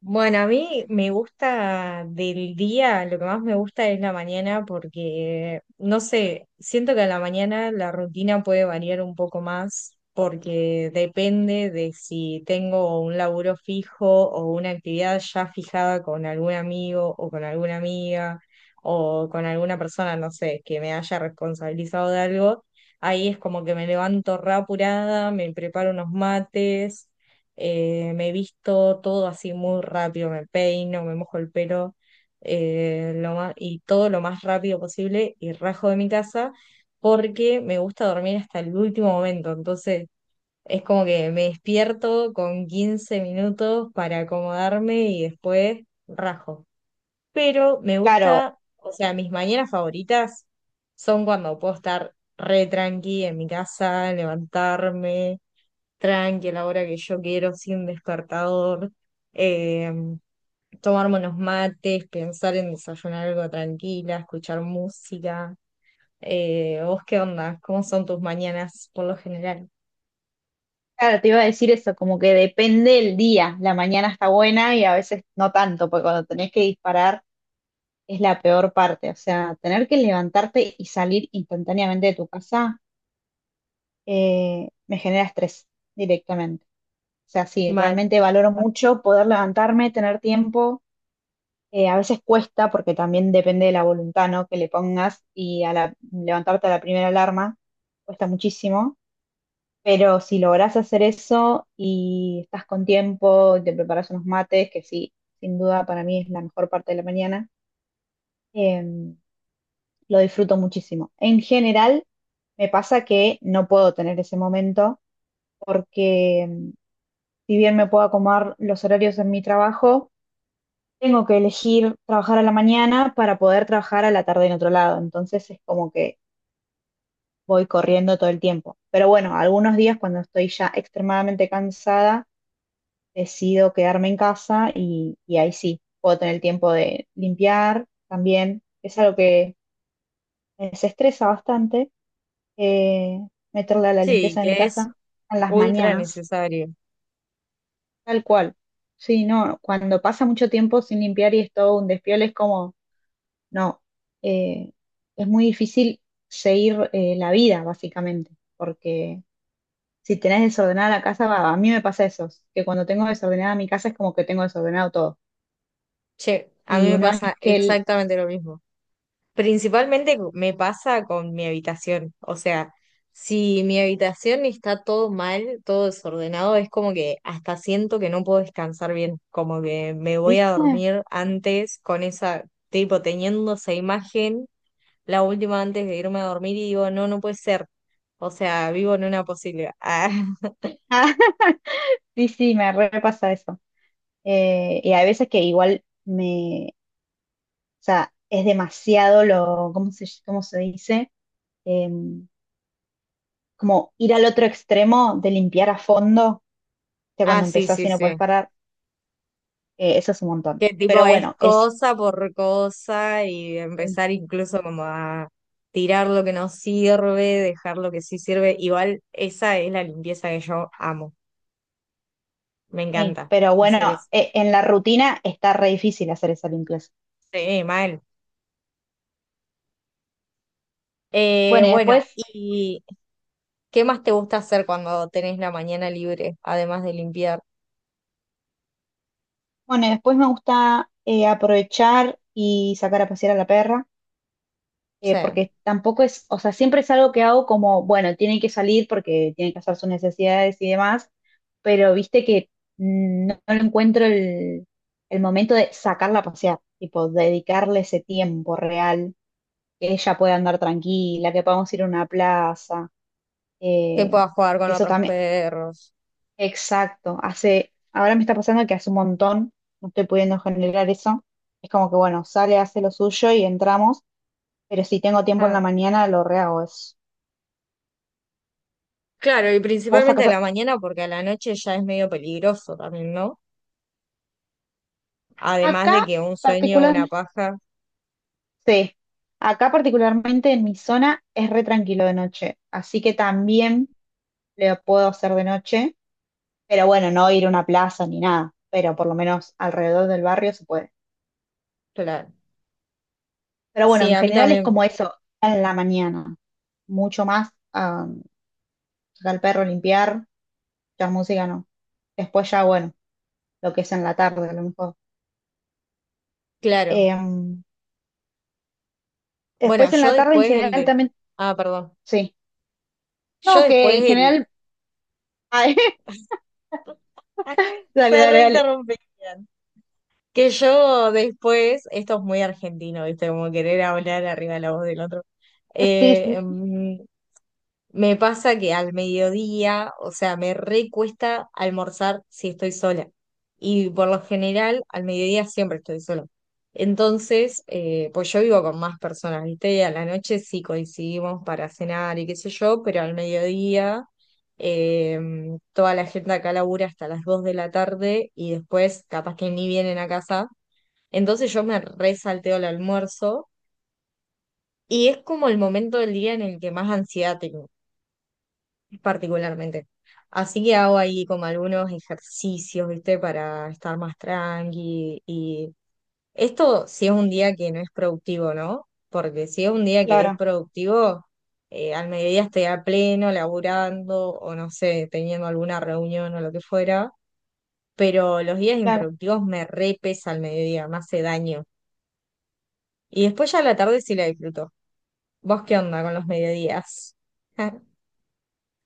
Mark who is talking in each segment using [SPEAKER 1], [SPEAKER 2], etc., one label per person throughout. [SPEAKER 1] Bueno, a mí me gusta del día, lo que más me gusta es la mañana porque, no sé, siento que a la mañana la rutina puede variar un poco más porque depende de si tengo un laburo fijo o una actividad ya fijada con algún amigo o con alguna amiga o con alguna persona, no sé, que me haya responsabilizado de algo. Ahí es como que me levanto re apurada, me preparo unos mates, me visto todo así muy rápido, me peino, me mojo el pelo, y todo lo más rápido posible y rajo de mi casa porque me gusta dormir hasta el último momento, entonces es como que me despierto con 15 minutos para acomodarme y después rajo. Pero me
[SPEAKER 2] Claro,
[SPEAKER 1] gusta, o sea, mis mañanas favoritas son cuando puedo estar re tranqui en mi casa, levantarme tranqui a la hora que yo quiero, sin despertador, eh, tomarme unos mates, pensar en desayunar algo tranquila, escuchar música. ¿Vos qué onda? ¿Cómo son tus mañanas por lo general?
[SPEAKER 2] claro, te iba a decir eso, como que depende el día. La mañana está buena y a veces no tanto, porque cuando tenés que disparar es la peor parte. O sea, tener que levantarte y salir instantáneamente de tu casa, me genera estrés directamente. O sea, sí,
[SPEAKER 1] Mal.
[SPEAKER 2] realmente valoro mucho poder levantarme, tener tiempo. A veces cuesta porque también depende de la voluntad, ¿no? que le pongas y levantarte a la primera alarma cuesta muchísimo. Pero si logras hacer eso y estás con tiempo, y te preparas unos mates, que sí, sin duda para mí es la mejor parte de la mañana, em, lo disfruto muchísimo. En general, me pasa que no puedo tener ese momento porque si bien me puedo acomodar los horarios en mi trabajo, tengo que elegir trabajar a la mañana para poder trabajar a la tarde en otro lado. Entonces es como que voy corriendo todo el tiempo. Pero bueno, algunos días cuando estoy ya extremadamente cansada, decido quedarme en casa y ahí sí, puedo tener el tiempo de limpiar también. Que Es algo que me desestresa bastante, eh, meterle a la
[SPEAKER 1] Sí,
[SPEAKER 2] limpieza de mi
[SPEAKER 1] que es
[SPEAKER 2] casa en las
[SPEAKER 1] ultra
[SPEAKER 2] mañanas,
[SPEAKER 1] necesario.
[SPEAKER 2] tal cual. Sí, no, cuando pasa mucho tiempo sin limpiar y es todo un despiole, es como, no, eh, es muy difícil seguir la vida, básicamente, porque si tenés desordenada la casa, va, a mí me pasa eso, que cuando tengo desordenada mi casa es como que tengo desordenado todo.
[SPEAKER 1] Che, a mí
[SPEAKER 2] Y
[SPEAKER 1] me
[SPEAKER 2] una
[SPEAKER 1] pasa
[SPEAKER 2] vez que
[SPEAKER 1] exactamente lo mismo. Principalmente me pasa con mi habitación. O sea, si mi habitación está todo mal, todo desordenado, es como que hasta siento que no puedo descansar bien. Como que me voy a
[SPEAKER 2] ¿viste?
[SPEAKER 1] dormir antes con esa, tipo, teniendo esa imagen, la última antes de irme a dormir y digo, no, no puede ser. O sea, vivo en una posibilidad.
[SPEAKER 2] Ah, sí, sí, me repasa eso. Y hay veces que igual me, o sea, es demasiado lo, ¿cómo se dice? Em, Como ir al otro extremo de limpiar a fondo, que
[SPEAKER 1] Ah, ah,
[SPEAKER 2] cuando
[SPEAKER 1] sí,
[SPEAKER 2] empezás
[SPEAKER 1] sí,
[SPEAKER 2] y no puedes
[SPEAKER 1] sí.
[SPEAKER 2] parar, eso es un montón.
[SPEAKER 1] Que tipo
[SPEAKER 2] Pero
[SPEAKER 1] es
[SPEAKER 2] bueno, es,
[SPEAKER 1] cosa por cosa y
[SPEAKER 2] sí,
[SPEAKER 1] empezar incluso como a tirar lo que no sirve, dejar lo que sí sirve. Igual esa es la limpieza que yo amo. Me
[SPEAKER 2] sí,
[SPEAKER 1] encanta
[SPEAKER 2] pero bueno,
[SPEAKER 1] hacer eso.
[SPEAKER 2] en la rutina está re difícil hacer esa limpieza.
[SPEAKER 1] Sí, mal.
[SPEAKER 2] Bueno, y
[SPEAKER 1] Bueno,
[SPEAKER 2] después,
[SPEAKER 1] ¿y qué más te gusta hacer cuando tenés la mañana libre, además de limpiar?
[SPEAKER 2] bueno, y después me gusta aprovechar y sacar a pasear a la perra.
[SPEAKER 1] Sí,
[SPEAKER 2] Porque tampoco es, o sea, siempre es algo que hago como, bueno, tiene que salir porque tiene que hacer sus necesidades y demás, pero viste que no, no encuentro el momento de sacarla a pasear, tipo, dedicarle ese tiempo real, que ella pueda andar tranquila, que podamos ir a una plaza,
[SPEAKER 1] que
[SPEAKER 2] eh,
[SPEAKER 1] puedas jugar con
[SPEAKER 2] eso
[SPEAKER 1] otros
[SPEAKER 2] también,
[SPEAKER 1] perros.
[SPEAKER 2] exacto, hace, ahora me está pasando que hace un montón, no estoy pudiendo generar eso, es como que, bueno, sale, hace lo suyo y entramos. Pero si tengo tiempo en
[SPEAKER 1] Ah,
[SPEAKER 2] la mañana, lo rehago eso.
[SPEAKER 1] claro, y
[SPEAKER 2] Vos
[SPEAKER 1] principalmente a
[SPEAKER 2] sacás.
[SPEAKER 1] la mañana porque a la noche ya es medio peligroso también, ¿no? Además
[SPEAKER 2] Acá
[SPEAKER 1] de que un sueño,
[SPEAKER 2] particular,
[SPEAKER 1] una paja.
[SPEAKER 2] sí. Acá particularmente en mi zona es re tranquilo de noche, así que también lo puedo hacer de noche, pero bueno, no ir a una plaza ni nada, pero por lo menos alrededor del barrio se puede.
[SPEAKER 1] Claro.
[SPEAKER 2] Pero bueno,
[SPEAKER 1] Sí,
[SPEAKER 2] en
[SPEAKER 1] a mí
[SPEAKER 2] general es
[SPEAKER 1] también,
[SPEAKER 2] como eso, en la mañana, mucho más, ah, sacar al perro, limpiar, la música no. Después ya, bueno, lo que es en la tarde a lo mejor.
[SPEAKER 1] claro.
[SPEAKER 2] Em,
[SPEAKER 1] Bueno,
[SPEAKER 2] Después en
[SPEAKER 1] yo
[SPEAKER 2] la tarde en
[SPEAKER 1] después el
[SPEAKER 2] general
[SPEAKER 1] de...
[SPEAKER 2] también,
[SPEAKER 1] Ah, perdón.
[SPEAKER 2] sí.
[SPEAKER 1] Yo
[SPEAKER 2] No, que
[SPEAKER 1] después
[SPEAKER 2] en
[SPEAKER 1] el...
[SPEAKER 2] general... Dale,
[SPEAKER 1] se
[SPEAKER 2] dale, dale.
[SPEAKER 1] reinterrumpían. Que yo después, esto es muy argentino, ¿viste? Como querer hablar arriba de la voz del otro.
[SPEAKER 2] Sí,
[SPEAKER 1] Eh,
[SPEAKER 2] sí,
[SPEAKER 1] em, Me pasa que al mediodía, o sea, me recuesta almorzar si estoy sola. Y por lo general, al mediodía siempre estoy sola. Entonces, pues yo vivo con más personas, ¿viste? Y a la noche sí coincidimos para cenar y qué sé yo, pero al mediodía eh, toda la gente acá labura hasta las 2 de la tarde y después capaz que ni vienen a casa. Entonces yo me resalteo el almuerzo y es como el momento del día en el que más ansiedad tengo particularmente. Así que hago ahí como algunos ejercicios, ¿viste? Para estar más tranqui. Y esto si es un día que no es productivo, ¿no? Porque si es un día que es
[SPEAKER 2] claro,
[SPEAKER 1] productivo, al mediodía estoy a pleno, laburando o no sé, teniendo alguna reunión o lo que fuera. Pero los días
[SPEAKER 2] claro.
[SPEAKER 1] improductivos me repesa al mediodía, me hace daño. Y después ya a la tarde sí la disfruto. ¿Vos qué onda con los mediodías?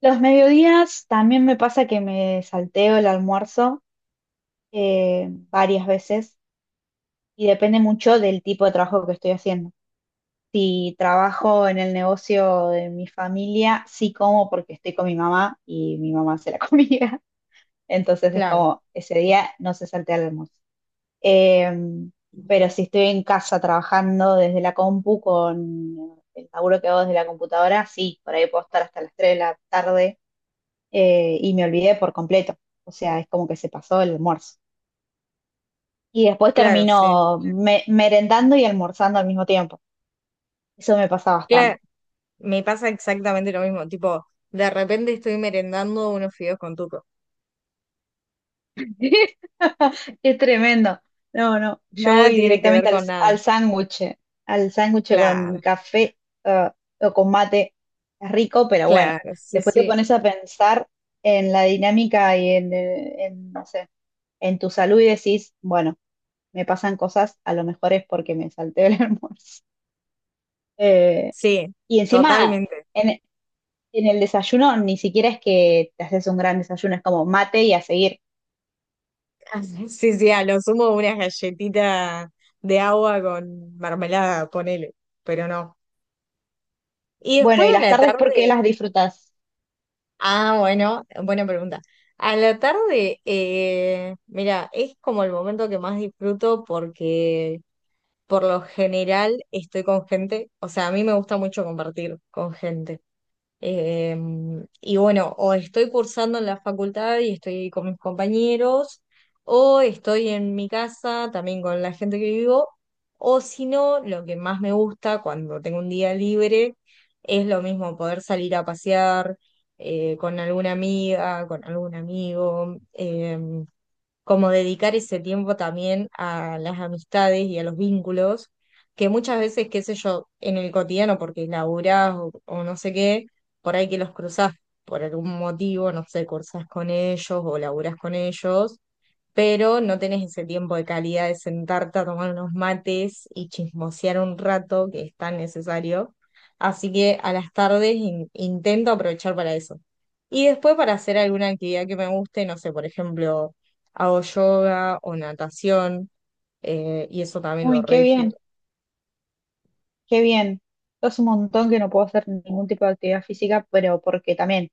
[SPEAKER 2] Los mediodías también me pasa que me salteo el almuerzo varias veces y depende mucho del tipo de trabajo que estoy haciendo. Si trabajo en el negocio de mi familia, sí como porque estoy con mi mamá y mi mamá hace la comida. Entonces es
[SPEAKER 1] Claro,
[SPEAKER 2] como ese día no se saltea el almuerzo. Em, pero si estoy en casa trabajando desde la compu con el laburo que hago desde la computadora, sí, por ahí puedo estar hasta las 3 de la tarde, y me olvidé por completo. O sea, es como que se pasó el almuerzo. Y después
[SPEAKER 1] claro, sí.
[SPEAKER 2] termino merendando y almorzando al mismo tiempo. Eso me pasa bastante.
[SPEAKER 1] Cla- Me pasa exactamente lo mismo, tipo, de repente estoy merendando unos fideos con tuco.
[SPEAKER 2] Es tremendo. No, no, yo
[SPEAKER 1] Nada
[SPEAKER 2] voy
[SPEAKER 1] tiene que ver
[SPEAKER 2] directamente
[SPEAKER 1] con nada.
[SPEAKER 2] al sándwich con
[SPEAKER 1] Claro,
[SPEAKER 2] café eh, o con mate. Es rico, pero bueno,
[SPEAKER 1] claro, sí,
[SPEAKER 2] después te
[SPEAKER 1] sí,
[SPEAKER 2] pones a pensar en la dinámica y en, no sé, en tu salud y decís, bueno, me pasan cosas, a lo mejor es porque me salté el almuerzo. Eh,
[SPEAKER 1] sí,
[SPEAKER 2] y encima,
[SPEAKER 1] totalmente.
[SPEAKER 2] en, en el desayuno ni siquiera es que te haces un gran desayuno, es como mate y a seguir.
[SPEAKER 1] Sí, sí, a lo sumo una galletita de agua con mermelada, ponele, pero no. Y
[SPEAKER 2] Bueno,
[SPEAKER 1] después
[SPEAKER 2] ¿y
[SPEAKER 1] a
[SPEAKER 2] las
[SPEAKER 1] la
[SPEAKER 2] tardes por qué
[SPEAKER 1] tarde,
[SPEAKER 2] las disfrutas?
[SPEAKER 1] ah, bueno, buena pregunta. A la tarde, mira, es como el momento que más disfruto porque por lo general estoy con gente, o sea, a mí me gusta mucho compartir con gente. Eh, y bueno, o estoy cursando en la facultad y estoy con mis compañeros, o estoy en mi casa también con la gente que vivo, o si no, lo que más me gusta cuando tengo un día libre es lo mismo, poder salir a pasear, con alguna amiga, con algún amigo. Como dedicar ese tiempo también a las amistades y a los vínculos, que muchas veces, qué sé yo, en el cotidiano, porque laburás o no sé qué, por ahí que los cruzás por algún motivo, no sé, cursás con ellos o laburás con ellos, pero no tenés ese tiempo de calidad de sentarte a tomar unos mates y chismosear un rato que es tan necesario. Así que a las tardes intento aprovechar para eso. Y después para hacer alguna actividad que me guste, no sé, por ejemplo, hago yoga o natación, y eso también lo
[SPEAKER 2] Uy,
[SPEAKER 1] re
[SPEAKER 2] qué bien,
[SPEAKER 1] disfruto.
[SPEAKER 2] qué bien. Es un montón que no puedo hacer ningún tipo de actividad física, pero porque también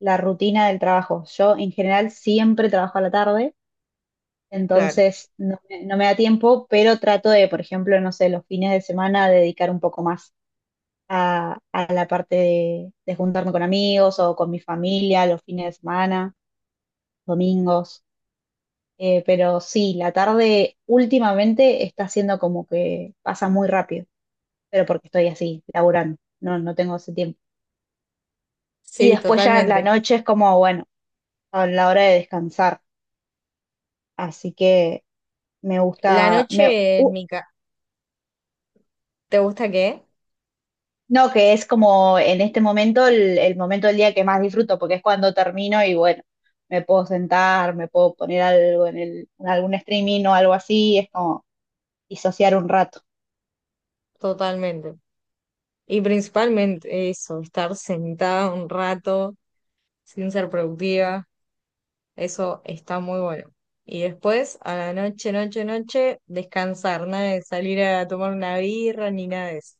[SPEAKER 2] la rutina del trabajo. Yo en general siempre trabajo a la tarde,
[SPEAKER 1] Claro.
[SPEAKER 2] entonces no, me no me da tiempo, pero trato de, por ejemplo, no sé, los fines de semana dedicar un poco más a la parte de juntarme con amigos o con mi familia los fines de semana, domingos. Pero sí, la tarde últimamente está siendo como que pasa muy rápido. Pero porque estoy así, laburando, no, no tengo ese tiempo. Y
[SPEAKER 1] Sí,
[SPEAKER 2] después ya la
[SPEAKER 1] totalmente.
[SPEAKER 2] noche es como, bueno, a la hora de descansar, así que me
[SPEAKER 1] La
[SPEAKER 2] gusta, me,
[SPEAKER 1] noche en mi casa. ¿Te gusta qué?
[SPEAKER 2] no, que es como en este momento el momento del día que más disfruto, porque es cuando termino y bueno, me puedo sentar, me puedo poner algo en, el, en algún streaming o algo así, es como disociar un rato.
[SPEAKER 1] Totalmente. Y principalmente eso, estar sentada un rato sin ser productiva. Eso está muy bueno. Y después, a la noche, noche, noche, descansar, nada de salir a tomar una birra ni nada de eso.